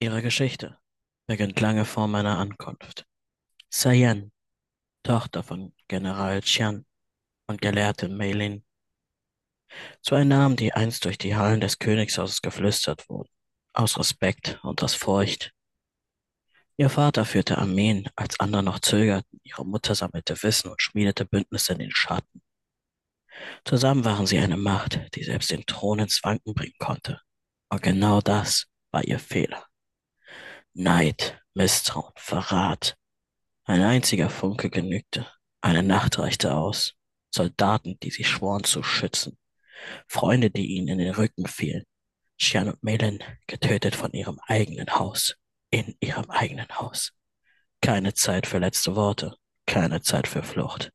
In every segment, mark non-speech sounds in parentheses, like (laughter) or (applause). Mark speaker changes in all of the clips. Speaker 1: Ihre Geschichte beginnt lange vor meiner Ankunft. Sayen, Tochter von General Qian und Gelehrte Mei Lin, zwei Namen, die einst durch die Hallen des Königshauses geflüstert wurden, aus Respekt und aus Furcht. Ihr Vater führte Armeen, als andere noch zögerten, ihre Mutter sammelte Wissen und schmiedete Bündnisse in den Schatten. Zusammen waren sie eine Macht, die selbst den Thron ins Wanken bringen konnte. Und genau das war ihr Fehler. Neid, Misstrauen, Verrat, ein einziger Funke genügte. Eine Nacht reichte aus. Soldaten, die sie schworen zu schützen, Freunde, die ihnen in den Rücken fielen, Shan und Melin getötet von ihrem eigenen Haus, in ihrem eigenen Haus. Keine Zeit für letzte Worte, keine Zeit für Flucht.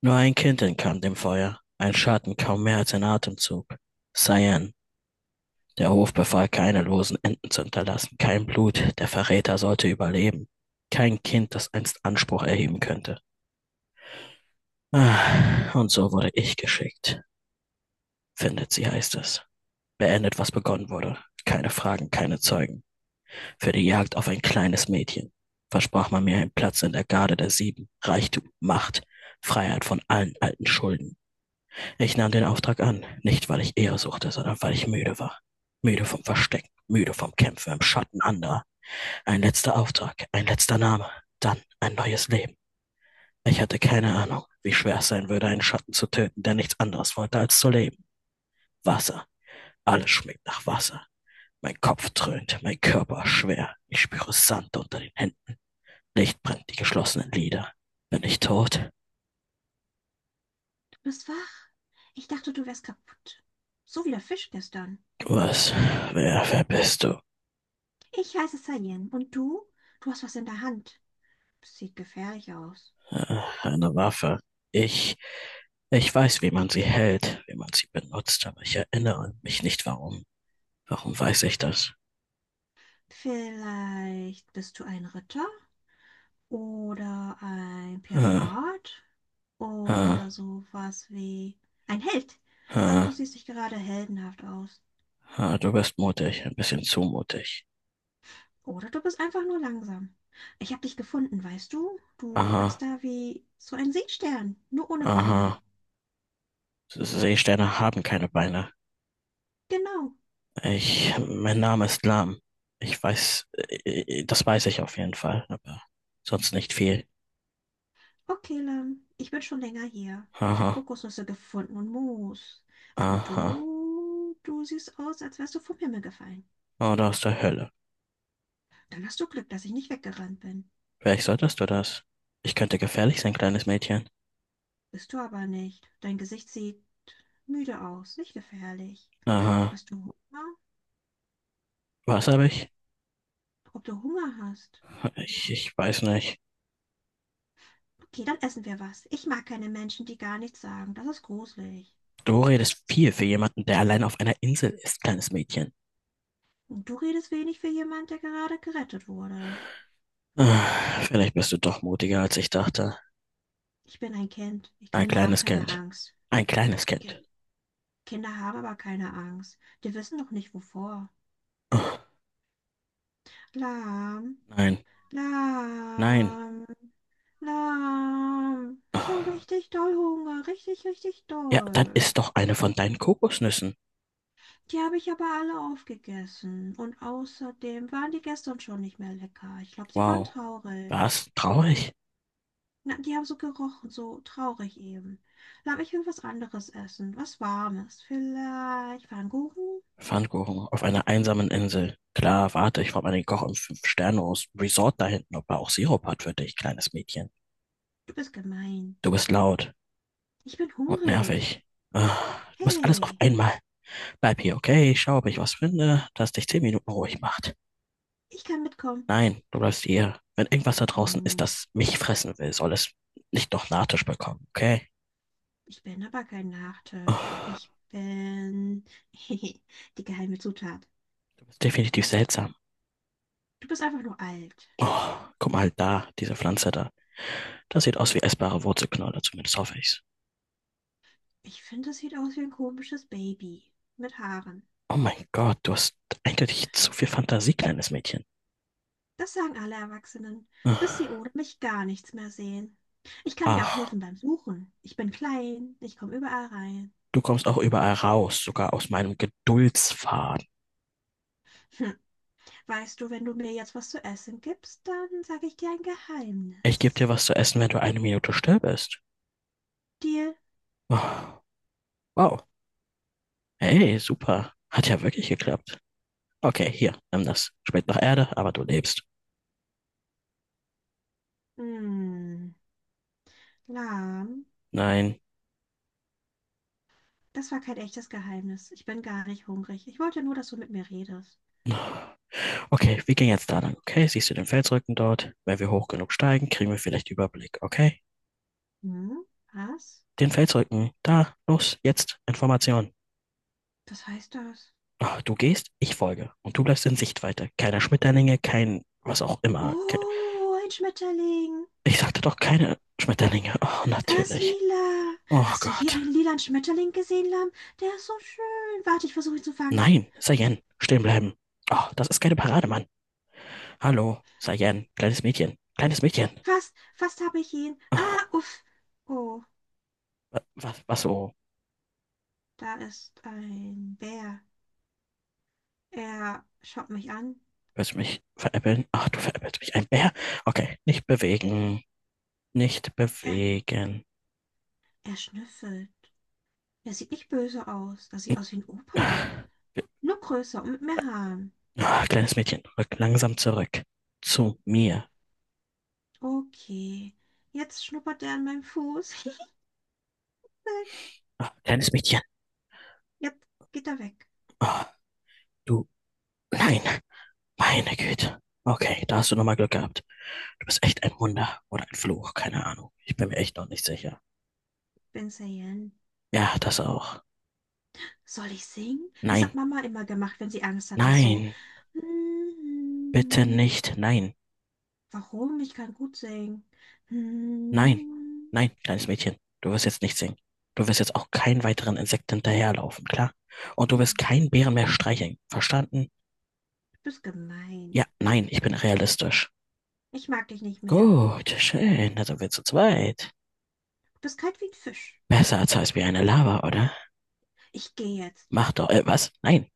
Speaker 1: Nur ein Kind entkam dem Feuer, ein Schatten kaum mehr als ein Atemzug. Cyan, der Hof befahl, keine losen Enden zu hinterlassen, kein Blut, der Verräter sollte überleben, kein Kind, das einst Anspruch erheben könnte. Und so wurde ich geschickt. Findet sie, heißt es. Beendet, was begonnen wurde. Keine Fragen, keine Zeugen. Für die Jagd auf ein kleines Mädchen. Versprach man mir einen Platz in der Garde der Sieben. Reichtum, Macht, Freiheit von allen alten Schulden. Ich nahm den Auftrag an, nicht weil ich Ehre suchte, sondern weil ich müde war. Müde vom Verstecken, müde vom Kämpfen im Schatten anderer. Ein letzter Auftrag, ein letzter Name, dann ein neues Leben. Ich hatte keine Ahnung, wie schwer es sein würde, einen Schatten zu töten, der nichts anderes wollte, als zu leben. Wasser. Alles schmeckt nach Wasser. Mein Kopf dröhnt, mein Körper schwer. Ich spüre Sand unter den Händen. Licht brennt die geschlossenen Lider. Bin ich tot?
Speaker 2: Du bist wach? Ich dachte, du wärst kaputt. So wie der Fisch gestern.
Speaker 1: Was? Wer bist du?
Speaker 2: Ich heiße Sayen. Und du? Du hast was in der Hand. Sieht gefährlich aus.
Speaker 1: Eine Waffe. Ich, ich weiß, wie man sie hält, wie man sie benutzt, aber ich erinnere mich nicht, warum. Warum weiß ich das?
Speaker 2: Vielleicht bist du ein Ritter oder ein
Speaker 1: Hm,
Speaker 2: Pirat
Speaker 1: hm,
Speaker 2: oder sowas wie ein Held. Aber
Speaker 1: hm,
Speaker 2: du siehst nicht gerade heldenhaft aus.
Speaker 1: hm, du bist mutig, ein bisschen zu mutig.
Speaker 2: Oder du bist einfach nur langsam. Ich habe dich gefunden, weißt du? Du
Speaker 1: Aha,
Speaker 2: lagst da wie so ein Seestern, nur ohne Beine.
Speaker 1: aha. S- Seesterne haben keine Beine.
Speaker 2: Genau.
Speaker 1: Mein Name ist Lam. Ich weiß, das weiß ich auf jeden Fall, aber sonst nicht viel.
Speaker 2: Okay, Lam, ich bin schon länger hier. Ich habe
Speaker 1: Aha,
Speaker 2: Kokosnüsse gefunden und Moos. Aber
Speaker 1: aha.
Speaker 2: du siehst aus, als wärst du vom Himmel gefallen.
Speaker 1: Oder aus der Hölle.
Speaker 2: Dann hast du Glück, dass ich nicht weggerannt bin.
Speaker 1: Vielleicht solltest du das. Ich könnte gefährlich sein, kleines Mädchen.
Speaker 2: Bist du aber nicht. Dein Gesicht sieht müde aus, nicht gefährlich.
Speaker 1: Aha.
Speaker 2: Hast du Hunger?
Speaker 1: Was habe ich?
Speaker 2: Ob du Hunger hast?
Speaker 1: Ich weiß nicht.
Speaker 2: Okay, dann essen wir was. Ich mag keine Menschen, die gar nichts sagen. Das ist gruselig.
Speaker 1: Du redest viel für jemanden, der allein auf einer Insel ist, kleines Mädchen.
Speaker 2: Und du redest wenig für jemand, der gerade gerettet wurde.
Speaker 1: Vielleicht bist du doch mutiger, als ich dachte.
Speaker 2: Ich bin ein Kind. Ich
Speaker 1: Ein
Speaker 2: Kinder haben
Speaker 1: kleines
Speaker 2: keine
Speaker 1: Kind.
Speaker 2: Angst.
Speaker 1: Ein kleines
Speaker 2: Okay.
Speaker 1: Kind.
Speaker 2: Kinder haben aber keine Angst. Die wissen doch nicht wovor.
Speaker 1: Ah,
Speaker 2: Lahm,
Speaker 1: Nein, nein.
Speaker 2: lahm, lahm. Ich habe
Speaker 1: Ah,
Speaker 2: richtig doll Hunger, richtig, richtig
Speaker 1: Ja, dann
Speaker 2: doll.
Speaker 1: isst doch eine von deinen Kokosnüssen.
Speaker 2: Die habe ich aber alle aufgegessen. Und außerdem waren die gestern schon nicht mehr lecker. Ich glaube, sie waren
Speaker 1: Wow,
Speaker 2: traurig.
Speaker 1: was? Traurig?
Speaker 2: Na, die haben so gerochen, so traurig eben. Lahm, ich will was anderes essen, was Warmes. Vielleicht Pfannkuchen?
Speaker 1: Pfannkuchen auf einer einsamen Insel. Klar, warte, ich frage mal den Koch im Fünf-Sterne-Resort da hinten, ob er auch Sirup hat für dich, kleines Mädchen.
Speaker 2: Du bist gemein.
Speaker 1: Du bist laut
Speaker 2: Ich bin
Speaker 1: und
Speaker 2: hungrig.
Speaker 1: nervig. Ah, du bist alles auf
Speaker 2: Hey,
Speaker 1: einmal. Bleib hier, okay? Ich schaue, ob ich was finde, das dich zehn Minuten ruhig macht.
Speaker 2: ich kann mitkommen.
Speaker 1: Nein, du bleibst hier. Wenn irgendwas da draußen ist,
Speaker 2: Hm.
Speaker 1: das mich fressen will, soll es nicht noch Nachtisch bekommen, okay?
Speaker 2: Ich bin aber kein Nachtisch.
Speaker 1: Ah,
Speaker 2: Ich bin (laughs) die geheime Zutat.
Speaker 1: du bist definitiv seltsam.
Speaker 2: Du bist einfach nur alt.
Speaker 1: Oh, guck mal da, diese Pflanze da. Das sieht aus wie essbare Wurzelknolle, zumindest hoffe ich's.
Speaker 2: Ich finde, es sieht aus wie ein komisches Baby mit Haaren.
Speaker 1: Oh mein Gott, du hast eindeutig zu viel Fantasie, kleines Mädchen.
Speaker 2: Das sagen alle Erwachsenen, bis sie ohne mich gar nichts mehr sehen. Ich kann dir auch
Speaker 1: Ach,
Speaker 2: helfen beim Suchen. Ich bin klein, ich komme überall rein.
Speaker 1: du kommst auch überall raus, sogar aus meinem Geduldsfaden.
Speaker 2: Hm. Weißt du, wenn du mir jetzt was zu essen gibst, dann sage ich dir ein
Speaker 1: Ich gebe dir
Speaker 2: Geheimnis.
Speaker 1: was zu essen, wenn du eine Minute still bist.
Speaker 2: Deal?
Speaker 1: Oh, wow. Hey, super. Hat ja wirklich geklappt. Okay, hier, nimm das. Schmeckt nach Erde, aber du lebst.
Speaker 2: Hm, lahm.
Speaker 1: Nein.
Speaker 2: Das war kein echtes Geheimnis. Ich bin gar nicht hungrig. Ich wollte nur, dass du mit mir redest.
Speaker 1: Okay, wir gehen jetzt da lang, okay? Siehst du den Felsrücken dort? Wenn wir hoch genug steigen, kriegen wir vielleicht Überblick, okay?
Speaker 2: Hm? Was?
Speaker 1: Den Feldzeugen. Da, los, jetzt, Information.
Speaker 2: Was heißt das?
Speaker 1: Du gehst, ich folge. Und du bleibst in Sichtweite. Keine Schmetterlinge, kein was auch immer.
Speaker 2: Oh, ein Schmetterling.
Speaker 1: Ich sagte doch, keine Schmetterlinge. Oh,
Speaker 2: Er ist
Speaker 1: natürlich.
Speaker 2: lila.
Speaker 1: Oh
Speaker 2: Hast du je
Speaker 1: Gott.
Speaker 2: einen lilanen Schmetterling gesehen, Lamm? Der ist so schön. Warte, ich versuche ihn zu fangen.
Speaker 1: Nein, Sayen, stehen bleiben. Oh, das ist keine Parade, Mann. Hallo, Sayen, kleines Mädchen. Kleines Mädchen.
Speaker 2: Fast, fast habe ich ihn.
Speaker 1: Ah,
Speaker 2: Ah, uff. Oh,
Speaker 1: was, was so?
Speaker 2: da ist ein Bär. Er schaut mich an.
Speaker 1: Willst du mich veräppeln? Ach, du veräppelst mich. Ein Bär? Okay, nicht bewegen. Nicht
Speaker 2: Er,
Speaker 1: bewegen.
Speaker 2: er schnüffelt. Er sieht nicht böse aus. Er sieht aus wie ein Opa.
Speaker 1: (laughs)
Speaker 2: Nur größer und mit mehr Haaren.
Speaker 1: Kleines Mädchen, rück langsam zurück. Zu mir.
Speaker 2: Okay. Jetzt schnuppert er an meinem Fuß. (laughs) Halt.
Speaker 1: Ah, kleines Mädchen.
Speaker 2: Jetzt geht er weg,
Speaker 1: Ah, du. Nein. Meine Güte. Okay, da hast du nochmal Glück gehabt. Du bist echt ein Wunder oder ein Fluch, keine Ahnung. Ich bin mir echt noch nicht sicher.
Speaker 2: Ben Sayen.
Speaker 1: Ja, das auch.
Speaker 2: Soll ich singen? Das hat
Speaker 1: Nein.
Speaker 2: Mama immer gemacht, wenn sie Angst hatte, so.
Speaker 1: Nein. Bitte nicht. Nein.
Speaker 2: Warum? Ich kann gut singen.
Speaker 1: Nein. Nein, kleines Mädchen. Du wirst jetzt nicht singen. Du wirst jetzt auch keinen weiteren Insekt hinterherlaufen, klar? Und du
Speaker 2: Du
Speaker 1: wirst keinen Bären mehr streicheln. Verstanden?
Speaker 2: bist gemein.
Speaker 1: Ja, nein, ich bin realistisch.
Speaker 2: Ich mag dich nicht mehr.
Speaker 1: Gut, schön, da sind wir zu zweit.
Speaker 2: Du bist kalt wie ein Fisch.
Speaker 1: Besser als heiß wie eine Lava, oder?
Speaker 2: Ich gehe jetzt.
Speaker 1: Mach doch, was? Nein.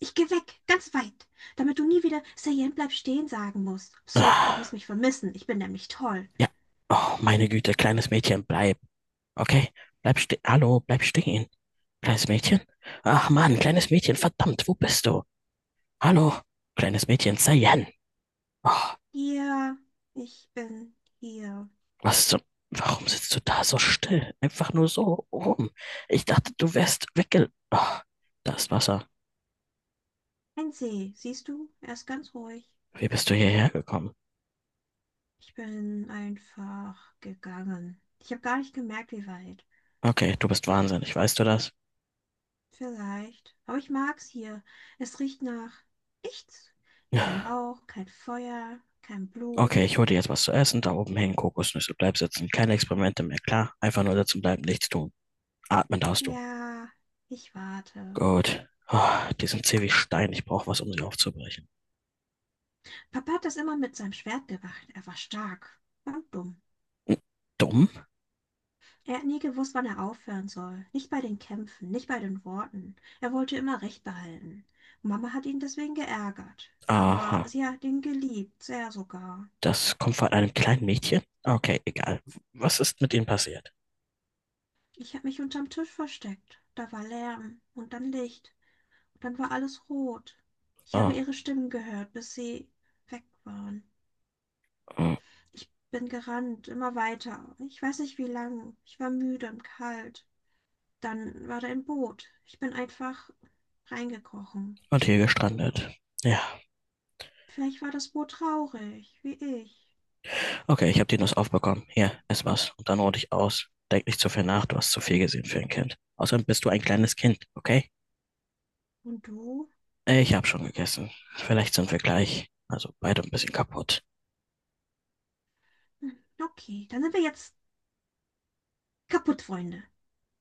Speaker 2: Ich gehe weg, ganz weit, damit du nie wieder Sayen bleib stehen sagen musst. So, du
Speaker 1: Ah,
Speaker 2: wirst mich vermissen. Ich bin nämlich toll.
Speaker 1: ja. Oh, meine Güte, kleines Mädchen, bleib. Okay, bleib stehen. Hallo, bleib stehen. Kleines Mädchen? Ach Mann, kleines Mädchen, verdammt, wo bist du? Hallo, kleines Mädchen, Sayen. Oh,
Speaker 2: Hier, ich bin hier.
Speaker 1: was zum... Warum sitzt du da so still? Einfach nur so rum. Ich dachte, du wärst wegge... Oh, da ist Wasser.
Speaker 2: Ein See, siehst du? Er ist ganz ruhig.
Speaker 1: Wie bist du hierher gekommen?
Speaker 2: Ich bin einfach gegangen. Ich habe gar nicht gemerkt, wie weit.
Speaker 1: Okay, du bist wahnsinnig, weißt du das?
Speaker 2: Vielleicht. Aber ich mag's hier. Es riecht nach nichts. Kein
Speaker 1: Ja.
Speaker 2: Rauch, kein Feuer, kein
Speaker 1: Okay,
Speaker 2: Blut.
Speaker 1: ich hole dir jetzt was zu essen. Da oben hängen Kokosnüsse. Bleib sitzen. Keine Experimente mehr. Klar, einfach nur sitzen bleiben, nichts tun. Atmen darfst du.
Speaker 2: Ja, ich warte.
Speaker 1: Gut. Ah, die sind zäh wie Stein. Ich brauche was, um sie aufzubrechen.
Speaker 2: Papa hat das immer mit seinem Schwert gemacht. Er war stark und dumm.
Speaker 1: Hm, dumm?
Speaker 2: Er hat nie gewusst, wann er aufhören soll. Nicht bei den Kämpfen, nicht bei den Worten. Er wollte immer Recht behalten. Mama hat ihn deswegen geärgert. Aber
Speaker 1: Aha.
Speaker 2: sie hat ihn geliebt, sehr sogar.
Speaker 1: Das kommt von einem kleinen Mädchen? Okay, egal. Was ist mit ihnen passiert?
Speaker 2: Ich habe mich unterm Tisch versteckt. Da war Lärm und dann Licht. Und dann war alles rot. Ich habe
Speaker 1: Ah,
Speaker 2: ihre Stimmen gehört, bis sie weg waren.
Speaker 1: hm.
Speaker 2: Ich bin gerannt, immer weiter. Ich weiß nicht wie lang. Ich war müde und kalt. Dann war da ein Boot. Ich bin einfach reingekrochen.
Speaker 1: Und hier gestrandet. Ja.
Speaker 2: Vielleicht war das Boot traurig, wie ich.
Speaker 1: Okay, ich habe die Nuss aufbekommen. Hier, ess was. Und dann ruh dich aus. Denk nicht zu viel nach. Du hast zu viel gesehen für ein Kind. Außerdem bist du ein kleines Kind, okay?
Speaker 2: Und du?
Speaker 1: Ich habe schon gegessen. Vielleicht sind wir gleich. Also beide ein bisschen kaputt.
Speaker 2: Hm. Okay, dann sind wir jetzt kaputt, Freunde.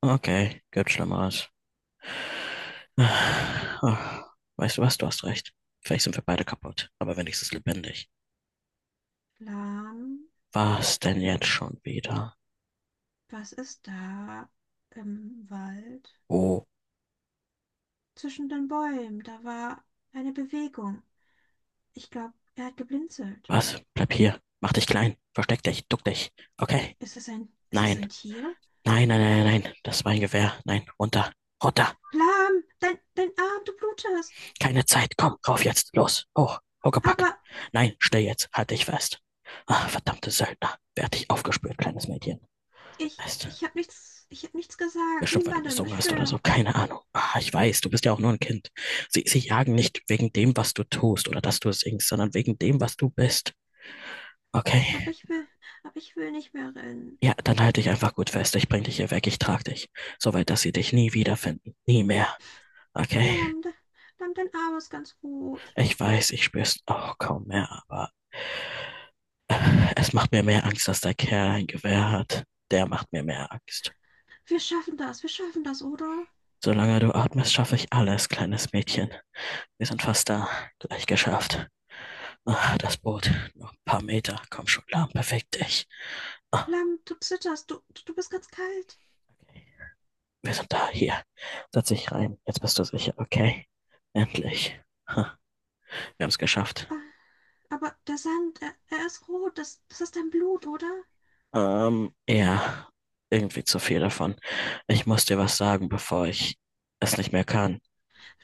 Speaker 1: Okay, gibt Schlimmeres. Ah, ah, weißt du was? Du hast recht. Vielleicht sind wir beide kaputt, aber wenigstens lebendig.
Speaker 2: Lahm,
Speaker 1: Was denn jetzt schon wieder?
Speaker 2: was ist da im Wald?
Speaker 1: Oh,
Speaker 2: Zwischen den Bäumen, da war eine Bewegung. Ich glaube, er hat geblinzelt.
Speaker 1: was? Bleib hier. Mach dich klein. Versteck dich. Duck dich. Okay.
Speaker 2: Ist es ein, ist es
Speaker 1: Nein.
Speaker 2: ein Tier?
Speaker 1: Nein, nein, nein, nein. Nein. Das war ein Gewehr. Nein. Runter. Runter.
Speaker 2: Lahm, dein Arm, du blutest.
Speaker 1: Keine Zeit. Komm, rauf jetzt. Los. Hoch. Huckepack.
Speaker 2: Aber
Speaker 1: Nein, steh jetzt. Halt dich fest. Ah, verdammte Söldner. Werd dich aufgespürt, kleines Mädchen. Weißt du,
Speaker 2: ich habe nichts gesagt.
Speaker 1: bestimmt, weil du
Speaker 2: Niemandem,
Speaker 1: gesungen
Speaker 2: ich
Speaker 1: hast oder
Speaker 2: schwör.
Speaker 1: so, keine Ahnung. Ah, ich weiß, du bist ja auch nur ein Kind. Sie jagen nicht wegen dem, was du tust oder dass du singst, sondern wegen dem, was du bist.
Speaker 2: Aber
Speaker 1: Okay,
Speaker 2: ich will, aber ich will nicht mehr rennen.
Speaker 1: ja, dann halte dich einfach gut fest. Ich bring dich hier weg, ich trage dich. Soweit, dass sie dich nie wiederfinden. Nie mehr. Okay,
Speaker 2: Lahm, Lahm, dein Arm ist ganz rot.
Speaker 1: ich weiß, ich spür's auch kaum mehr, aber es macht mir mehr Angst, dass der Kerl ein Gewehr hat. Der macht mir mehr Angst.
Speaker 2: Wir schaffen das, oder?
Speaker 1: Solange du atmest, schaffe ich alles, kleines Mädchen. Wir sind fast da. Gleich geschafft. Ah, das Boot. Noch ein paar Meter. Komm schon klar. Perfekt. Ich. Ah,
Speaker 2: Lam, du zitterst, du bist ganz kalt.
Speaker 1: okay. Wir sind da. Hier. Setz dich rein. Jetzt bist du sicher. Okay. Endlich. Ha, wir haben es geschafft.
Speaker 2: Ah, aber der Sand, er ist rot, das ist dein Blut, oder?
Speaker 1: Ja. Irgendwie zu viel davon. Ich muss dir was sagen, bevor ich es nicht mehr kann.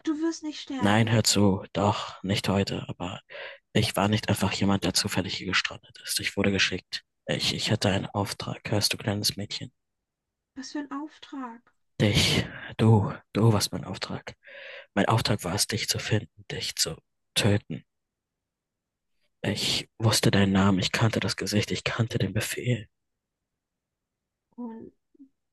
Speaker 2: Du wirst nicht
Speaker 1: Nein, hör
Speaker 2: sterben.
Speaker 1: zu. Doch, nicht heute. Aber ich war nicht einfach jemand, der zufällig hier gestrandet ist. Ich wurde geschickt. Ich hatte einen Auftrag. Hörst du, kleines Mädchen?
Speaker 2: Was für ein Auftrag.
Speaker 1: Dich, du warst mein Auftrag. Mein Auftrag war es, dich zu finden, dich zu töten. Ich wusste deinen Namen, ich kannte das Gesicht, ich kannte den Befehl,
Speaker 2: Und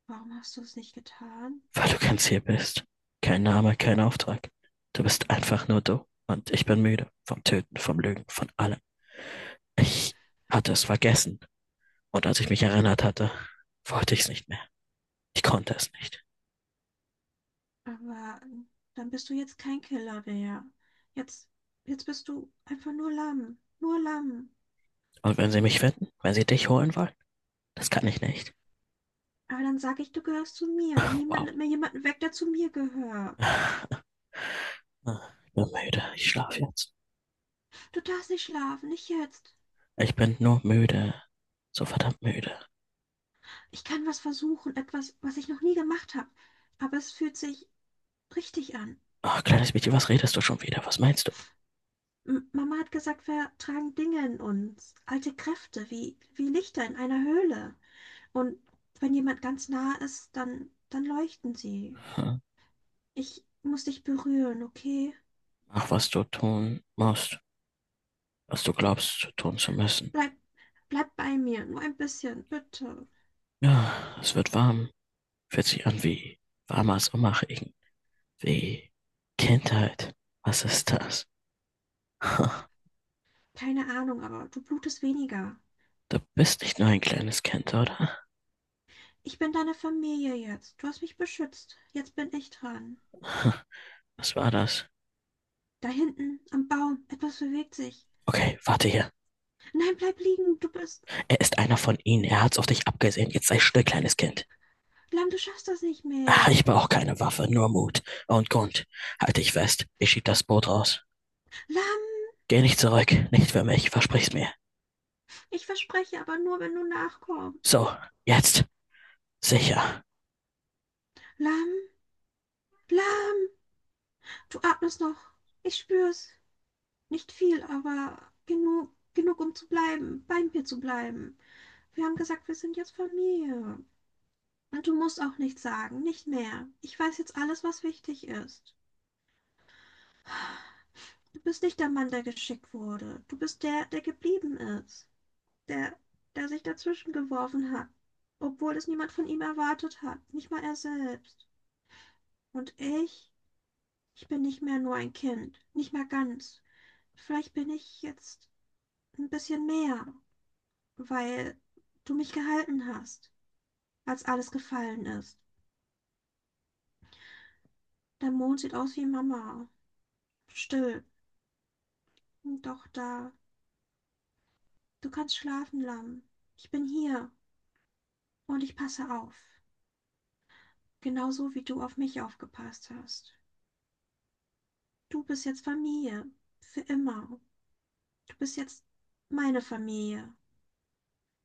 Speaker 2: warum hast du es nicht getan?
Speaker 1: weil du ganz hier bist. Kein Name, kein Auftrag. Du bist einfach nur du. Und ich bin müde vom Töten, vom Lügen, von allem. Ich hatte es vergessen. Und als ich mich erinnert hatte, wollte ich es nicht mehr. Ich konnte es nicht.
Speaker 2: Aber dann bist du jetzt kein Killer mehr. Jetzt, jetzt bist du einfach nur Lamm, nur Lamm.
Speaker 1: Und wenn sie mich finden, wenn sie dich holen wollen, das kann ich nicht.
Speaker 2: Aber dann sage ich, du gehörst zu mir und niemand
Speaker 1: Wow.
Speaker 2: nimmt mir jemanden weg, der zu mir gehört.
Speaker 1: Ich bin müde. Ich schlafe jetzt.
Speaker 2: Du darfst nicht schlafen, nicht jetzt.
Speaker 1: Ich bin nur müde. So verdammt müde.
Speaker 2: Ich kann was versuchen, etwas, was ich noch nie gemacht habe, aber es fühlt sich richtig an.
Speaker 1: Ach, kleines Mädchen, was redest du schon wieder? Was meinst du?
Speaker 2: M Mama hat gesagt, wir tragen Dinge in uns, alte Kräfte, wie Lichter in einer Höhle. Und wenn jemand ganz nah ist, dann leuchten sie.
Speaker 1: Hm?
Speaker 2: Ich muss dich berühren, okay?
Speaker 1: Mach, was du tun musst, was du glaubst, tun zu müssen.
Speaker 2: Bleib, bleib bei mir, nur ein bisschen, bitte.
Speaker 1: Ja, es wird warm. Fühlt sich an wie warmer Sommerregen. Wie Kindheit. Was ist das? (laughs) Hm.
Speaker 2: Keine Ahnung, aber du blutest weniger.
Speaker 1: Du bist nicht nur ein kleines Kind, oder?
Speaker 2: Ich bin deine Familie jetzt. Du hast mich beschützt. Jetzt bin ich dran.
Speaker 1: (laughs) Hm. Was war das?
Speaker 2: Da hinten am Baum, etwas bewegt sich.
Speaker 1: Okay, warte hier.
Speaker 2: Nein, bleib liegen, du bist.
Speaker 1: Er ist einer von ihnen. Er hat's auf dich abgesehen. Jetzt sei still, kleines Kind.
Speaker 2: Lamm, du schaffst das nicht
Speaker 1: Ach,
Speaker 2: mehr.
Speaker 1: ich brauche keine Waffe, nur Mut und Grund. Halt dich fest. Ich schieb das Boot raus.
Speaker 2: Lamm,
Speaker 1: Geh nicht zurück. Nicht für mich. Versprich's mir.
Speaker 2: ich verspreche, aber nur, wenn du nachkommst.
Speaker 1: So, jetzt. Sicher.
Speaker 2: Lamm, Lamm, du atmest noch. Ich spür's. Nicht viel, aber genug, genug, um zu bleiben, bei mir zu bleiben. Wir haben gesagt, wir sind jetzt Familie. Und du musst auch nichts sagen, nicht mehr. Ich weiß jetzt alles, was wichtig ist. Du bist nicht der Mann, der geschickt wurde. Du bist der, der geblieben ist. der, der sich dazwischen geworfen hat, obwohl es niemand von ihm erwartet hat, nicht mal er selbst. Und ich bin nicht mehr nur ein Kind, nicht mehr ganz. Vielleicht bin ich jetzt ein bisschen mehr, weil du mich gehalten hast, als alles gefallen ist. Der Mond sieht aus wie Mama, still, doch da. Du kannst schlafen, Lamm. Ich bin hier und ich passe auf, genauso wie du auf mich aufgepasst hast. Du bist jetzt Familie. Für immer. Du bist jetzt meine Familie.